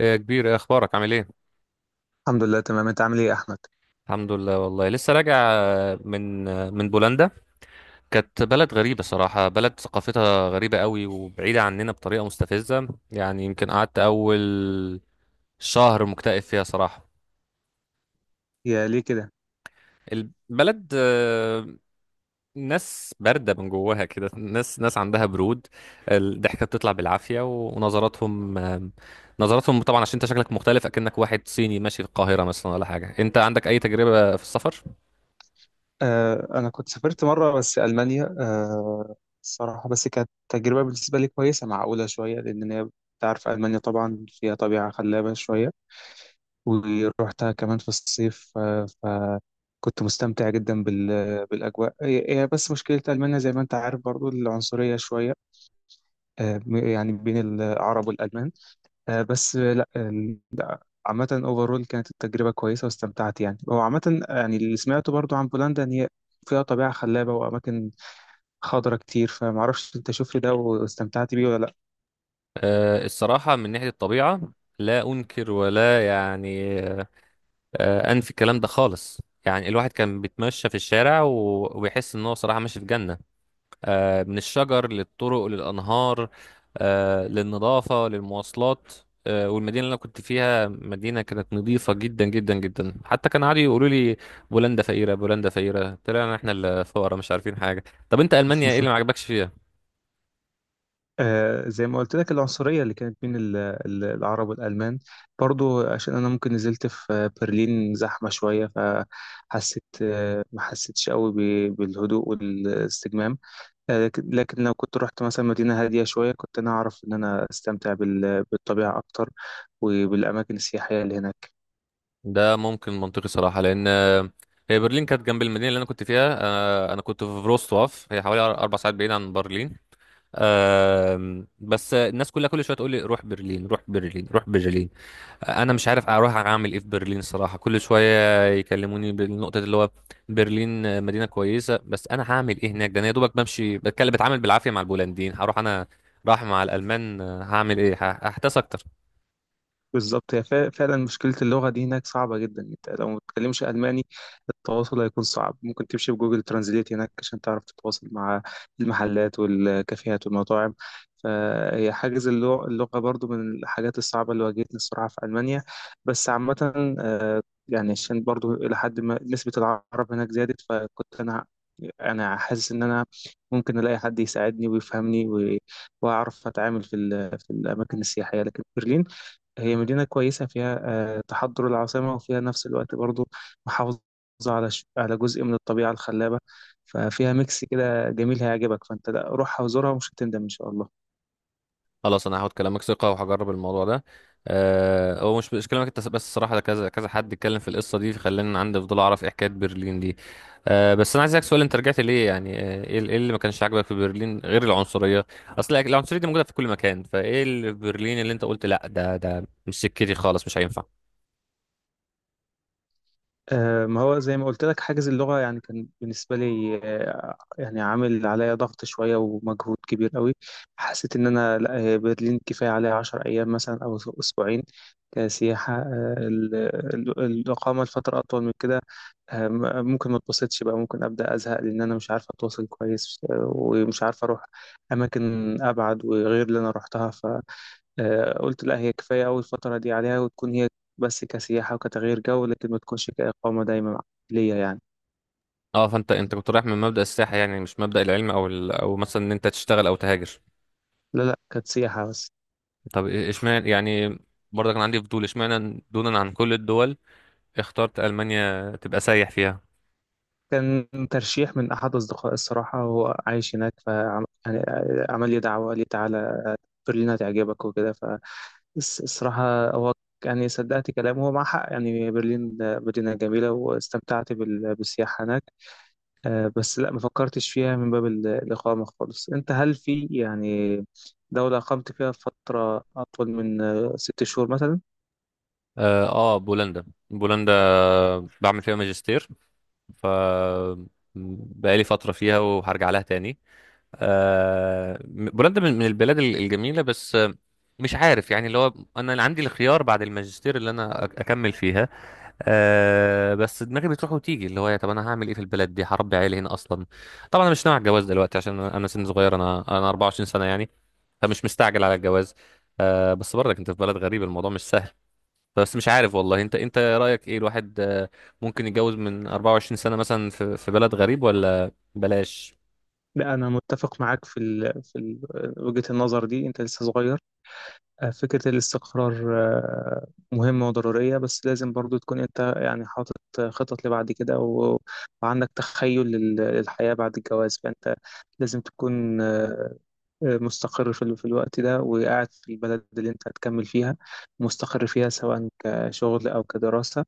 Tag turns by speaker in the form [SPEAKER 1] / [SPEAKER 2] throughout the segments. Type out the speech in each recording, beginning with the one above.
[SPEAKER 1] إيه يا كبير، إيه اخبارك، عامل ايه؟
[SPEAKER 2] الحمد لله، تمام. انت عامل ايه يا احمد؟
[SPEAKER 1] الحمد لله، والله لسه راجع من بولندا. كانت بلد غريبة صراحة، بلد ثقافتها غريبة قوي وبعيدة عننا بطريقة مستفزة، يعني يمكن قعدت اول شهر مكتئب فيها صراحة.
[SPEAKER 2] يا ليه كده؟
[SPEAKER 1] البلد ناس باردة من جواها كده، ناس ناس عندها برود. الضحكة بتطلع بالعافية، ونظراتهم آه، نظراتهم طبعا عشان انت شكلك مختلف، اكنك واحد صيني ماشي في القاهرة مثلا ولا حاجة. انت عندك اي تجربة في السفر؟
[SPEAKER 2] أنا كنت سافرت مرة بس ألمانيا. الصراحة بس كانت تجربة بالنسبة لي كويسة، معقولة شوية، لأن هي أنت عارف ألمانيا طبعا فيها طبيعة خلابة شوية، ورحتها كمان في الصيف. فكنت مستمتع جدا بالأجواء هي هي، بس مشكلة ألمانيا زي ما أنت عارف برضو العنصرية شوية، يعني بين العرب والألمان. آه، بس آه، لا، عامة اوفرول كانت التجربة كويسة واستمتعت. يعني هو عامة، يعني اللي سمعته برضو عن بولندا ان هي فيها طبيعة خلابة وأماكن خضرة كتير، فمعرفش أنت شفت ده واستمتعت بيه ولا لأ؟
[SPEAKER 1] الصراحة من ناحية الطبيعة، لا أنكر ولا يعني أنفي الكلام ده خالص. يعني الواحد كان بيتمشى في الشارع و- وبيحس إن هو صراحة ماشي في جنة، من الشجر للطرق للأنهار، للنظافة للمواصلات. والمدينة اللي أنا كنت فيها، مدينة كانت نظيفة جدا جدا جدا. حتى كان عادي يقولوا لي بولندا فقيرة، بولندا فقيرة، طلعنا إحنا اللي فقراء مش عارفين حاجة. طب أنت ألمانيا إيه اللي ما عجبكش فيها؟
[SPEAKER 2] زي ما قلت لك العنصرية اللي كانت بين العرب والألمان، برضو عشان أنا ممكن نزلت في برلين زحمة شوية، فحسيت ما حسيتش قوي بالهدوء والاستجمام. لكن لو كنت رحت مثلا مدينة هادية شوية كنت أنا أعرف إن أنا أستمتع بالطبيعة أكتر وبالأماكن السياحية اللي هناك.
[SPEAKER 1] ده ممكن منطقي صراحة لأن هي برلين كانت جنب المدينة اللي أنا كنت فيها. أنا كنت في فروستواف، هي حوالي 4 ساعات بعيد عن برلين. بس الناس كلها كل شوية تقول لي روح برلين، روح برلين، روح برلين. أنا مش عارف أروح أعمل إيه في برلين صراحة، كل شوية يكلموني بالنقطة اللي هو برلين مدينة كويسة، بس أنا هعمل إيه هناك؟ ده أنا يا دوبك بمشي بتكلم بتعامل بالعافية مع البولنديين، هروح أنا راح مع الألمان، هعمل إيه؟ هحتاس أكتر.
[SPEAKER 2] بالظبط، هي فعلا مشكلة اللغة دي هناك صعبة جدا. أنت لو ما بتتكلمش ألماني التواصل هيكون صعب، ممكن تمشي بجوجل ترانزليت هناك عشان تعرف تتواصل مع المحلات والكافيهات والمطاعم. فهي حاجز اللغة برضو من الحاجات الصعبة اللي واجهتني الصراحة في ألمانيا. بس عامة، يعني عشان برضو إلى حد ما نسبة العرب هناك زادت، فكنت أنا حاسس إن أنا ممكن ألاقي حد يساعدني ويفهمني وأعرف أتعامل في الأماكن السياحية. لكن برلين هي مدينة كويسة فيها تحضر العاصمة، وفيها نفس الوقت برضو محافظة على جزء من الطبيعة الخلابة. ففيها ميكس كده جميل هيعجبك، فأنت لا، روحها وزورها ومش هتندم إن شاء الله.
[SPEAKER 1] خلاص انا هاخد كلامك ثقه وهجرب الموضوع ده. هو مش كلامك انت بس الصراحه، ده كذا كذا حد اتكلم في القصه دي فخلاني عندي فضول اعرف ايه حكايه برلين دي. بس انا عايز اسالك سؤال، انت رجعت ليه يعني؟ إيه اللي ما كانش عاجبك في برلين غير العنصريه؟ اصل العنصريه دي موجوده في كل مكان، فايه اللي في برلين اللي انت قلت لا، ده مش سكتي خالص، مش هينفع.
[SPEAKER 2] ما هو زي ما قلت لك حاجز اللغة يعني كان بالنسبة لي، يعني عامل عليا ضغط شوية ومجهود كبير قوي. حسيت إن أنا لا، هي برلين كفاية عليا 10 أيام مثلا أو أسبوعين كسياحة. الإقامة لفترة أطول من كده ممكن ما اتبسطش بقى، ممكن أبدأ أزهق، لأن أنا مش عارف أتواصل كويس، ومش عارف أروح أماكن أبعد وغير اللي أنا روحتها. قلت لا، هي كفاية أوي الفترة دي عليها، وتكون هي بس كسياحة وكتغيير جو، لكن ما تكونش كإقامة دايما ليا يعني.
[SPEAKER 1] اه فانت كنت رايح من مبدا السياحه، يعني مش مبدا العلم او مثلا ان انت تشتغل او تهاجر.
[SPEAKER 2] لا لا، كانت سياحة بس.
[SPEAKER 1] طب اشمعنى يعني؟ برضه كان عندي فضول، اشمعنى دونا عن كل الدول اخترت ألمانيا تبقى سايح فيها؟
[SPEAKER 2] كان ترشيح من أحد أصدقائي الصراحة، وهو عايش هناك فعمل لي دعوة، قال لي تعالى برلين هتعجبك وكده. فالصراحة هو يعني صدقت كلامه، هو مع حق، يعني برلين مدينة جميلة واستمتعت بالسياحة هناك. بس لا ما فكرتش فيها من باب الإقامة خالص. أنت هل في يعني دولة أقمت فيها فترة أطول من 6 شهور مثلا؟
[SPEAKER 1] اه، بولندا بولندا، بعمل فيها ماجستير. ف بقالي فترة فيها وهرجع لها تاني. آه، بولندا من البلاد الجميلة، بس مش عارف يعني، اللي هو انا اللي عندي الخيار بعد الماجستير اللي انا اكمل فيها. بس دماغي بتروح وتيجي، اللي هو يا طب انا هعمل ايه في البلد دي؟ هربي عيالي هنا اصلا؟ طبعا انا مش ناوي على الجواز دلوقتي عشان انا سن صغير، انا 24 سنة يعني، فمش مستعجل على الجواز. بس برضك انت في بلد غريب، الموضوع مش سهل. بس مش عارف والله، انت رأيك ايه؟ الواحد ممكن يتجوز من 24 سنة مثلا في بلد غريب ولا بلاش؟
[SPEAKER 2] لا، أنا متفق معاك في وجهة النظر دي. أنت لسه صغير، فكرة الاستقرار مهمة وضرورية، بس لازم برضو تكون أنت يعني حاطط خطط لبعد كده و... وعندك تخيل للحياة بعد الجواز. فأنت لازم تكون مستقر في الوقت ده، وقاعد في البلد اللي انت هتكمل فيها، مستقر فيها سواء كشغل او كدراسة.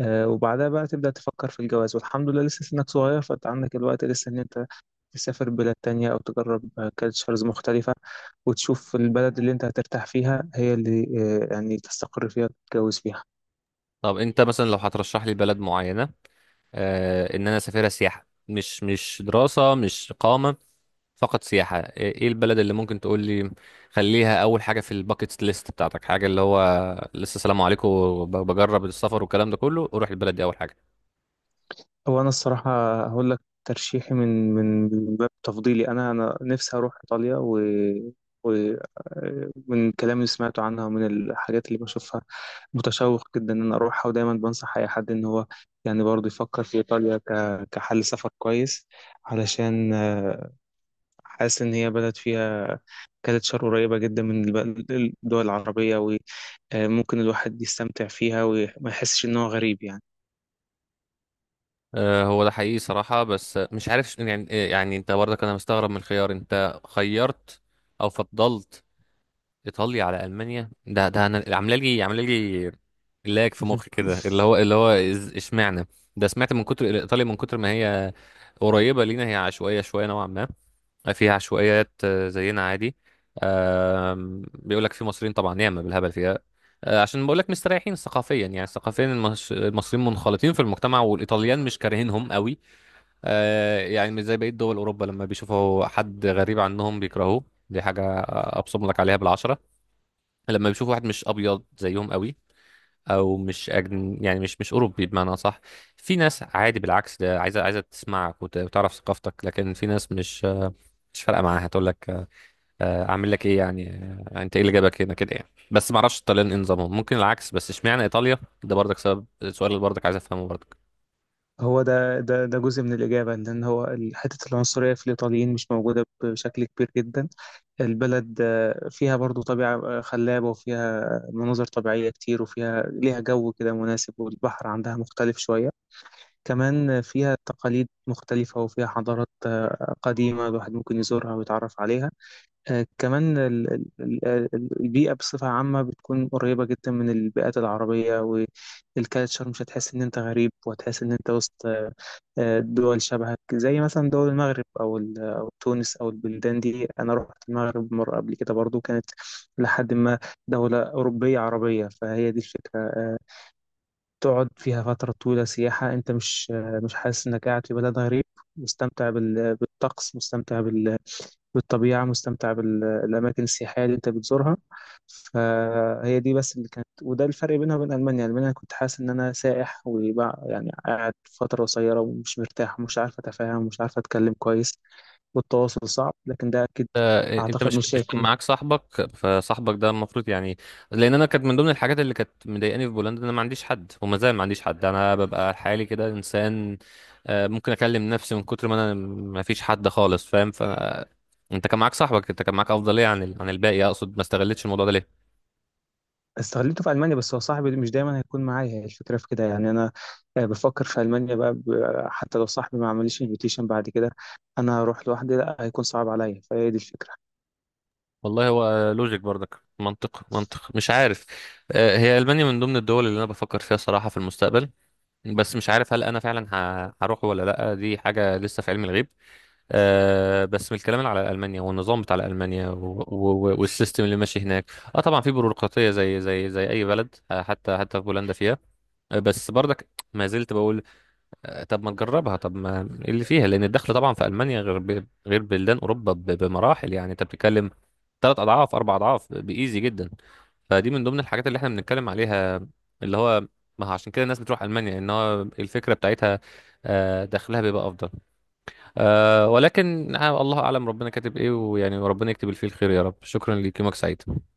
[SPEAKER 2] وبعدها بقى تبدأ تفكر في الجواز، والحمد لله لسه سنك صغير، فانت عندك الوقت لسه ان انت تسافر بلاد تانية او تجرب كالتشرز مختلفة، وتشوف البلد اللي انت هترتاح فيها هي اللي يعني تستقر فيها وتتجوز فيها.
[SPEAKER 1] طب انت مثلا لو هترشح لي بلد معينة، ان انا اسافرها سياحة، مش دراسة، مش إقامة، فقط سياحة، ايه البلد اللي ممكن تقول لي خليها اول حاجة في الباكيت ليست بتاعتك؟ حاجة اللي هو لسه سلام عليكم بجرب السفر والكلام ده كله، اروح البلد دي اول حاجة.
[SPEAKER 2] هو انا الصراحه هقول لك ترشيحي من باب تفضيلي، انا نفسي اروح ايطاليا. و ومن الكلام اللي سمعته عنها ومن الحاجات اللي بشوفها متشوق جدا ان انا اروحها، ودايما بنصح اي حد ان هو يعني برضه يفكر في ايطاليا كحل سفر كويس. علشان حاسس ان هي بلد فيها كالتشر قريبه جدا من الدول العربيه، وممكن الواحد يستمتع فيها وما يحسش ان هو غريب يعني.
[SPEAKER 1] هو ده حقيقي صراحة، بس مش عارف يعني، يعني انت برضك، انا مستغرب من الخيار، انت خيرت او فضلت ايطاليا على المانيا. ده انا عامله لي لاج في مخي كده، اللي هو اشمعنى؟ ده سمعت من كتر ايطاليا، من كتر ما هي قريبة لينا، هي عشوائية شوية نوعا ما، فيها عشوائيات زينا عادي. بيقول لك في مصريين طبعا ياما بالهبل فيها. عشان بقول لك مستريحين ثقافيا، يعني ثقافيا المصريين منخلطين في المجتمع والايطاليان مش كارهينهم قوي. يعني مش زي بقية دول أوروبا لما بيشوفوا حد غريب عنهم بيكرهوه. دي حاجة أبصم لك عليها بالعشرة. لما بيشوفوا واحد مش أبيض زيهم قوي، أو مش أجن يعني مش أوروبي بمعنى صح، في ناس عادي بالعكس، ده عايزة تسمعك وتعرف ثقافتك، لكن في ناس مش فارقة معاها. هتقول لك أعمل لك إيه يعني؟ أنت إيه اللي جابك هنا كده يعني؟ بس معرفش الطليان إيه نظامهم، ممكن العكس. بس إشمعنى إيطاليا؟ ده برضك سبب السؤال اللي برضك عايز أفهمه برضك.
[SPEAKER 2] هو ده جزء من الإجابة، إن هو حتة العنصرية في الإيطاليين مش موجودة بشكل كبير جدا. البلد فيها برضو طبيعة خلابة، وفيها مناظر طبيعية كتير، وفيها ليها جو كده مناسب، والبحر عندها مختلف شوية كمان. فيها تقاليد مختلفة، وفيها حضارات قديمة الواحد ممكن يزورها ويتعرف عليها. كمان البيئة بصفة عامة بتكون قريبة جدا من البيئات العربية، والكالتشر مش هتحس إن أنت غريب، وهتحس إن أنت وسط دول شبهك، زي مثلا دول المغرب أو تونس أو البلدان دي. أنا رحت المغرب مرة قبل كده برضو، كانت لحد ما دولة أوروبية عربية. فهي دي الفكرة، تقعد فيها فترة طويلة سياحة أنت مش مش حاسس إنك قاعد في بلد غريب، مستمتع بالطقس، مستمتع بالطبيعة، مستمتع بالأماكن السياحية اللي أنت بتزورها. فهي دي بس اللي كانت، وده الفرق بينها وبين ألمانيا. ألمانيا كنت حاسس إن أنا سائح وبقى يعني قاعد فترة قصيرة ومش مرتاح ومش عارف أتفاهم ومش عارف أتكلم كويس والتواصل صعب، لكن ده أكيد.
[SPEAKER 1] انت
[SPEAKER 2] أعتقد
[SPEAKER 1] مش
[SPEAKER 2] مش
[SPEAKER 1] مش كان
[SPEAKER 2] هيكون.
[SPEAKER 1] معاك صاحبك؟ فصاحبك ده المفروض يعني، لان انا كانت من ضمن الحاجات اللي كانت مضايقاني في بولندا ان انا ما عنديش حد، وما زال ما عنديش حد، انا ببقى حالي كده انسان. ممكن اكلم نفسي من كتر ما انا ما فيش حد خالص، فاهم؟ انت كان معاك صاحبك، انت كان معاك افضليه عن الباقي اقصد، ما استغلتش الموضوع ده ليه؟
[SPEAKER 2] استغلته في ألمانيا، بس هو صاحبي مش دايما هيكون معايا، هي الفكرة في كده يعني. أنا بفكر في ألمانيا بقى، حتى لو صاحبي ما عمليش انفيتيشن بعد كده أنا هروح لوحدي، لا هيكون صعب عليا. فهي دي الفكرة
[SPEAKER 1] والله هو لوجيك برضك، منطق منطق، مش عارف. هي المانيا من ضمن الدول اللي انا بفكر فيها صراحه في المستقبل، بس مش عارف هل انا فعلا هروح ولا لا. دي حاجه لسه في علم الغيب. بس من الكلام اللي على المانيا والنظام بتاع المانيا والسيستم اللي ماشي هناك، طبعا في بيروقراطيه زي اي بلد، حتى في بولندا فيها. بس برضك ما زلت بقول، طب ما نجربها، طب ما إيه اللي فيها؟ لان الدخل طبعا في المانيا غير غير بلدان اوروبا بمراحل، يعني انت بتتكلم 3 اضعاف 4 اضعاف، بايزي جدا. فدي من ضمن الحاجات اللي احنا بنتكلم عليها، اللي هو ما هو عشان كده الناس بتروح المانيا، ان هو الفكره بتاعتها دخلها بيبقى افضل. ولكن الله اعلم ربنا كاتب ايه، ويعني وربنا يكتب الفيل خير يا رب. شكرا ليك، يومك سعيد.